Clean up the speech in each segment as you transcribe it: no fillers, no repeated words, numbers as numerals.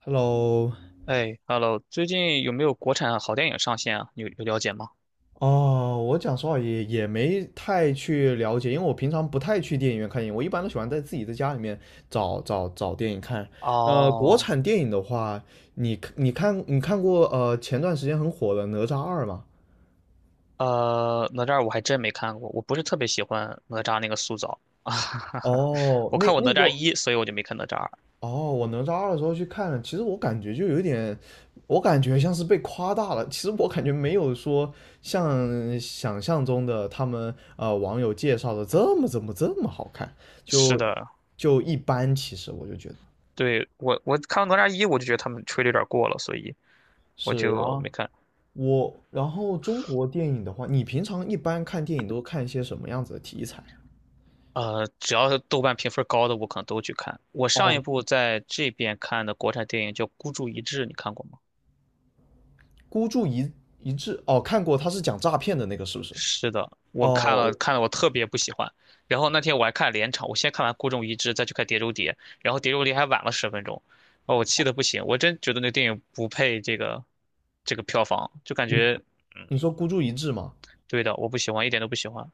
Hello，哎，Hello，最近有没有国产好电影上线啊？你有了解吗？哦，我讲实话也没太去了解，因为我平常不太去电影院看电影，我一般都喜欢在自己在家里面找电影看。国哦，产电影的话，你看过前段时间很火的《哪吒二》吗？哪吒我还真没看过，我不是特别喜欢哪吒那个塑造啊，哦，我那看过哪那吒个一，所以我就没看哪吒二。哦，我哪吒二的时候去看了，其实我感觉就有点，我感觉像是被夸大了。其实我感觉没有说像想象中的他们网友介绍的这么怎么这么好看，是就的，就一般。其实我就觉得对，我看了哪吒一，我就觉得他们吹的有点过了，所以我是，然就后没看。我然后中国电影的话，你平常一般看电影都看一些什么样子的题材啊？只要是豆瓣评分高的，我可能都去看。我上一哦，部在这边看的国产电影叫《孤注一掷》，你看过吗？孤注一掷，哦，看过，他是讲诈骗的那个是不是？是的，我看哦，了看了，我特别不喜欢。然后那天我还看连场，我先看完《孤注一掷》，再去看《碟中谍》，然后《碟中谍》还晚了十分钟，哦，我气得不行，我真觉得那个电影不配这个票房，就感你觉你说孤注一掷吗？对的，我不喜欢，一点都不喜欢。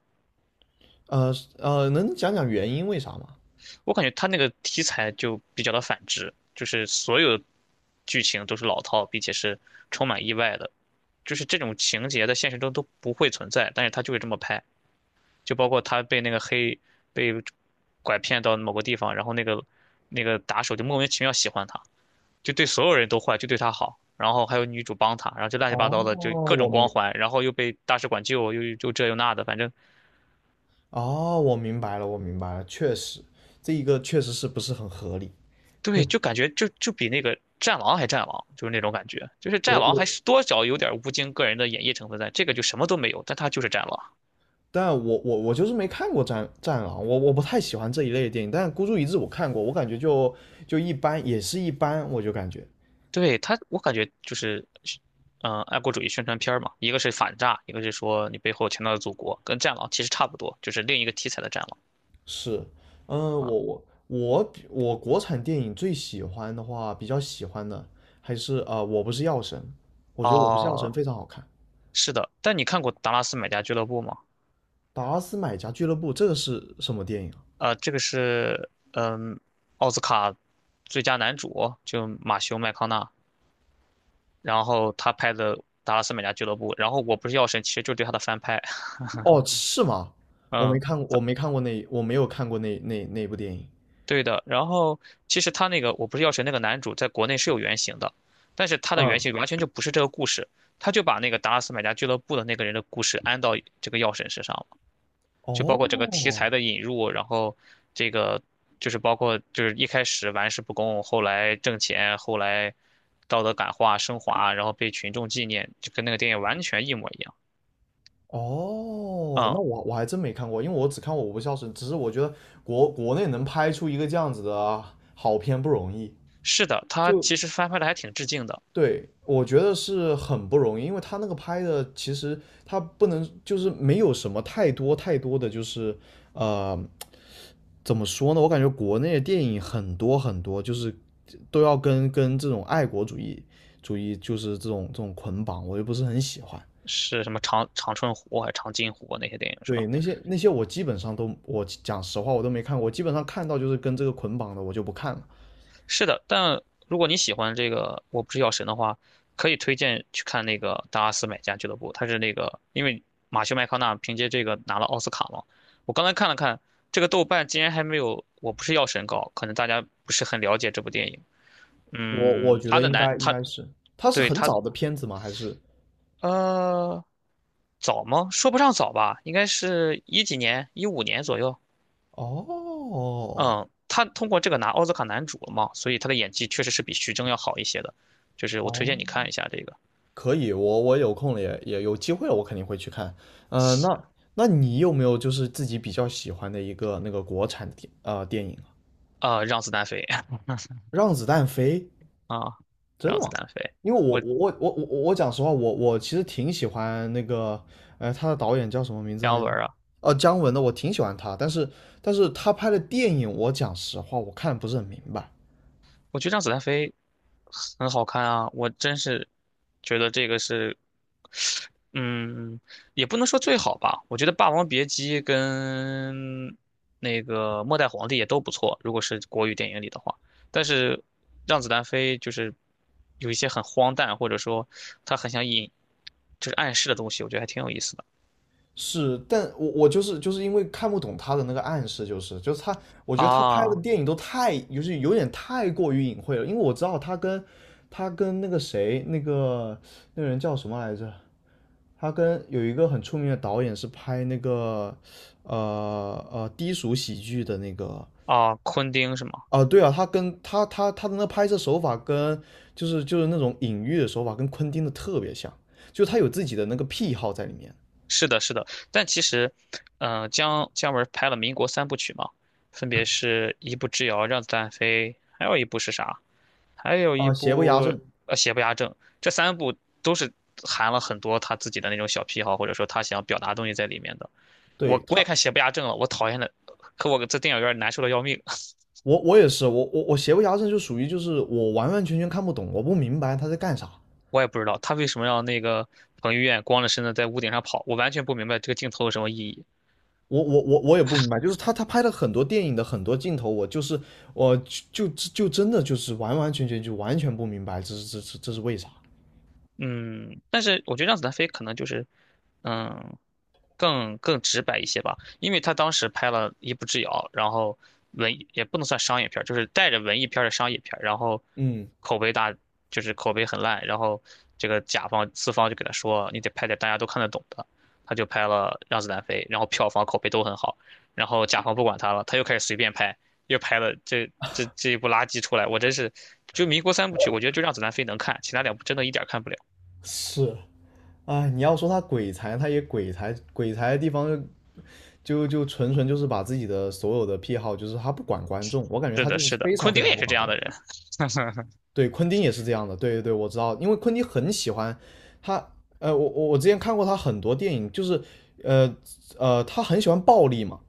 呃能讲讲原因为啥吗？我感觉他那个题材就比较的反直，就是所有剧情都是老套，并且是充满意外的，就是这种情节在现实中都不会存在，但是他就会这么拍。就包括他被那个黑被拐骗到某个地方，然后那个打手就莫名其妙喜欢他，就对所有人都坏，就对他好。然后还有女主帮他，然后就乱七八哦，糟的，就各我种光明，环，然后又被大使馆救，又这又那的，反正哦，我明白了，我明白了，确实，这一个确实是不是很合理。对，就感觉就比那个战狼还战狼，就是那种感觉，就是我战狼还我是多少有点吴京个人的演绎成分在，这个就什么都没有，但他就是战狼。但我就是没看过战《战狼》，我不太喜欢这一类的电影。但《孤注一掷》我看过，我感觉就一般，也是一般，我就感觉对他，我感觉就是，嗯、爱国主义宣传片儿嘛，一个是反诈，一个是说你背后强大的祖国，跟《战狼》其实差不多，就是另一个题材的《战狼》是，嗯，我啊。我我比我国产电影最喜欢的话，比较喜欢的还是我不是药神》，我觉得《我不是药神》哦，非常好看。是的，但你看过《达拉斯买家俱乐部》吗？达拉斯买家俱乐部这个是什么电影啊？这个是嗯，奥斯卡最佳男主就马修麦康纳，然后他拍的《达拉斯买家俱乐部》，然后我不是药神，其实就是对他的翻拍，哦，是吗？我没嗯。看，我没看过那，我没有看过那部电影。对的，然后其实他那个我不是药神那个男主在国内是有原型的，但是他的原嗯，型完全就不是这个故事，他就把那个达拉斯买家俱乐部的那个人的故事安到这个药神身上了，就包括整个题材哦，的引入，然后这个就是包括就是一开始玩世不恭，后来挣钱，后来道德感化升华，然后被群众纪念，就跟那个电影完全一模一样。哦，嗯，那我我还真没看过，因为我只看过《我不孝顺》，只是我觉得国内能拍出一个这样子的好片不容易。是的，他就其实翻拍的还挺致敬的，对，我觉得是很不容易，因为他那个拍的其实他不能就是没有什么太多的就是呃怎么说呢？我感觉国内的电影很多，就是都要跟这种爱国主义就是这种捆绑，我又不是很喜欢。是什么长春湖还是长津湖啊那些电影是吧？对，那些我基本上都，我讲实话我都没看过，我基本上看到就是跟这个捆绑的，我就不看了。是的，但如果你喜欢这个《我不是药神》的话，可以推荐去看那个《达拉斯买家俱乐部》，它是那个因为马修麦康纳凭借这个拿了奥斯卡嘛。我刚才看了看，这个豆瓣竟然还没有《我不是药神》高，可能大家不是很了解这部电影。我我嗯，觉他得的应男该应他该是，它是对很他早的片子吗？还是？呃早吗？说不上早吧，应该是一几年，一五年左右。哦嗯，他通过这个拿奥斯卡男主了嘛，所以他的演技确实是比徐峥要好一些的，就是我推哦，荐你看一下这个，可以，我我有空了也有机会了，我肯定会去看。呃，那那你有没有就是自己比较喜欢的一个那个国产的电影啊？让子弹飞 让子弹飞，啊，真让的子吗？弹飞，因为我我我我我我我讲实话，我其实挺喜欢那个，呃，他的导演叫什么名字姜来着？文儿啊，哦，姜文的，我挺喜欢他，但是他拍的电影，我讲实话，我看不是很明白。我觉得让子弹飞很好看啊，我真是觉得这个是，嗯，也不能说最好吧。我觉得《霸王别姬》跟那个《末代皇帝》也都不错，如果是国语电影里的话。但是让子弹飞就是有一些很荒诞，或者说他很想引，就是暗示的东西，我觉得还挺有意思的是，但我就是因为看不懂他的那个暗示，就是他，我觉得他拍啊的电影都太，就是有点太过于隐晦了，因为我知道他跟他跟那个谁，那个人叫什么来着？他跟有一个很出名的导演是拍那个，呃低俗喜剧的那个，啊，昆汀是吗？啊对啊，他跟他的那拍摄手法跟那种隐喻的手法跟昆汀的特别像，就他有自己的那个癖好在里面是的，是的，但其实，嗯、姜文拍了民国三部曲嘛，分别是一部《之遥》《让子弹飞》，还有一部是啥？还有一啊，邪不压部正，《邪不压正》。这三部都是含了很多他自己的那种小癖好，或者说他想表达东西在里面的。对我也他，看《邪不压正》了，我讨厌的，可我在电影院难受的要命。我也是，我邪不压正就属于就是我完完全全看不懂，我不明白他在干啥，我也不知道他为什么让那个彭于晏光着身子在屋顶上跑，我完全不明白这个镜头有什么意义。我也不明白，就是他他拍了很多电影的很多镜头，我就是我就就就真的就是完完全全就完全不明白这是为啥？嗯，但是我觉得让子弹飞可能就是，嗯，更直白一些吧，因为他当时拍了《一步之遥》，然后文艺也不能算商业片儿就是带着文艺片儿的商业片儿然后嗯，口碑大，就是口碑很烂，然后这个甲方资方就给他说，你得拍点大家都看得懂的，他就拍了《让子弹飞》，然后票房口碑都很好，然后甲方不管他了，他又开始随便拍，又拍了这一部垃圾出来，我真是，就民国三部曲，我觉得就《让子弹飞》能看，其他两部真的一点儿看不了。是，哎，你要说他鬼才，他也鬼才，鬼才的地方就纯纯就是把自己的所有的癖好，就是他不管观众，我感觉是他的，就是是的，非常昆汀非常也不是这管样观的众。人。对，昆汀也是这样的，对对对，我知道，因为昆汀很喜欢他，呃，我之前看过他很多电影，就是呃他很喜欢暴力嘛。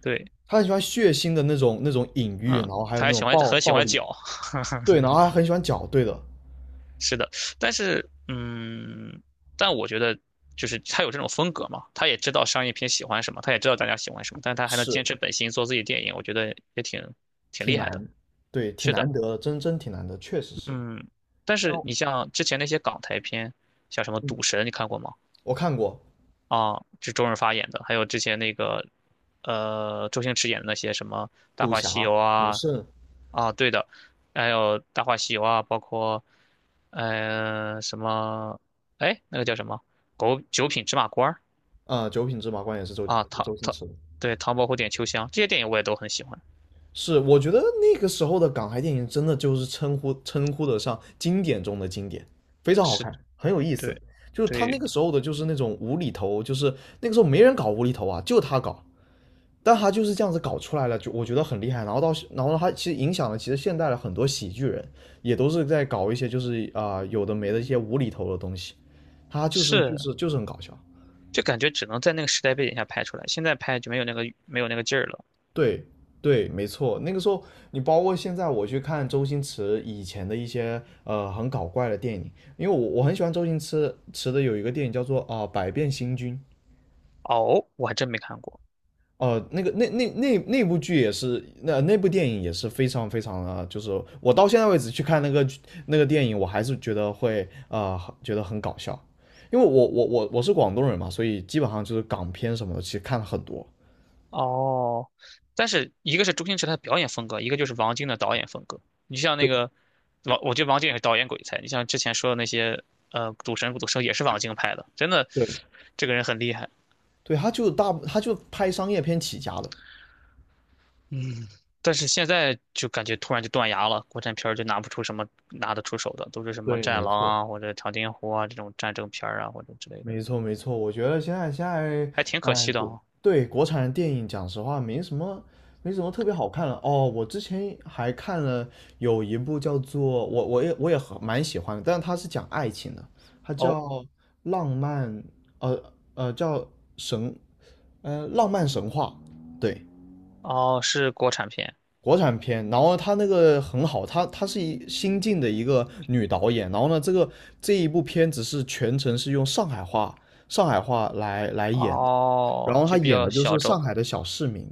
对，他很喜欢血腥的那种隐喻，然嗯，后还有他那还种喜欢暴很喜暴欢力，脚，对，然后还很喜欢搅，对的，是的，但是嗯，但我觉得就是他有这种风格嘛，他也知道商业片喜欢什么，他也知道大家喜欢什么，但是他还能坚是持本心做自己的电影，我觉得也挺挺厉害的。难，对，挺是的，难得的，真挺难得，确实是。嗯，但像是你像之前那些港台片，像什么嗯，《赌神》，你看过吗？我看过啊，就周润发演的，还有之前那个，周星驰演的那些什么《大《赌话侠》西游》《赌啊，圣》啊，对的，还有《大话西游》啊，包括呃什么，哎，那个叫什么《狗九品芝麻官》儿啊，九品芝麻官》也是周啊，周星驰的。对唐伯虎点秋香这些电影我也都很喜欢，是，我觉得那个时候的港台电影真的就是称呼得上经典中的经典，非常好是，看，很有意思。对，就是他那对，个时候的，就是那种无厘头，就是那个时候没人搞无厘头啊，就他搞，但他就是这样子搞出来了，就我觉得很厉害。然后到，然后他其实影响了，其实现代的很多喜剧人也都是在搞一些就是有的没的一些无厘头的东西，他是，就是很搞笑。就感觉只能在那个时代背景下拍出来，现在拍就没有那个劲儿了。对对，没错。那个时候你包括现在我去看周星驰以前的一些很搞怪的电影，因为我很喜欢周星驰的有一个电影叫做百变星君》，哦，我还真没看过。哦，那个那那部剧也是，那部电影也是非常非常的，就是我到现在为止去看那个电影，我还是觉得会觉得很搞笑，因为我是广东人嘛，所以基本上就是港片什么的，其实看了很多。哦，但是一个是周星驰他的表演风格，一个就是王晶的导演风格。你像那对个王，我觉得王晶也是导演鬼才。你像之前说的那些，赌神、赌圣也是王晶拍的，真的，对，这个人很厉害。对，他就大，他就拍商业片起家的。但是现在就感觉突然就断崖了，国产片儿就拿不出什么拿得出手的，都是什么对，《战没狼》错。啊，或者《长津湖》啊这种战争片儿啊，或者之类的，没错，没错，我觉得现在，还挺可哎，惜的国啊。对国产的电影，讲实话，没什么，没什么特别好看了。哦，我之前还看了有一部叫做我也很蛮喜欢的，但是它是讲爱情的，它哦叫《浪漫》，叫神，呃，《浪漫神话》。对，哦，是国产片国产片，然后她那个很好，她她是一新晋的一个女导演，然后呢，这个这一部片子是全程是用上海话来演的，然哦，后就她比演较的就是小上众海的小市民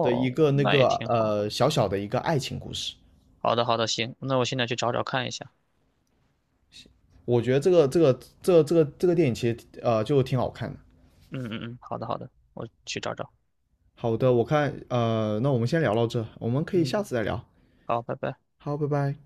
的一个那那也个挺好。小小的一个爱情故事，好的，好的，行，那我现在去找找看一下。我觉得这个电影其实就挺好看的。嗯，好的，好的，我去找找。好的，我看那我们先聊到这，我们可以嗯，下次再聊。好，拜拜。好，拜拜。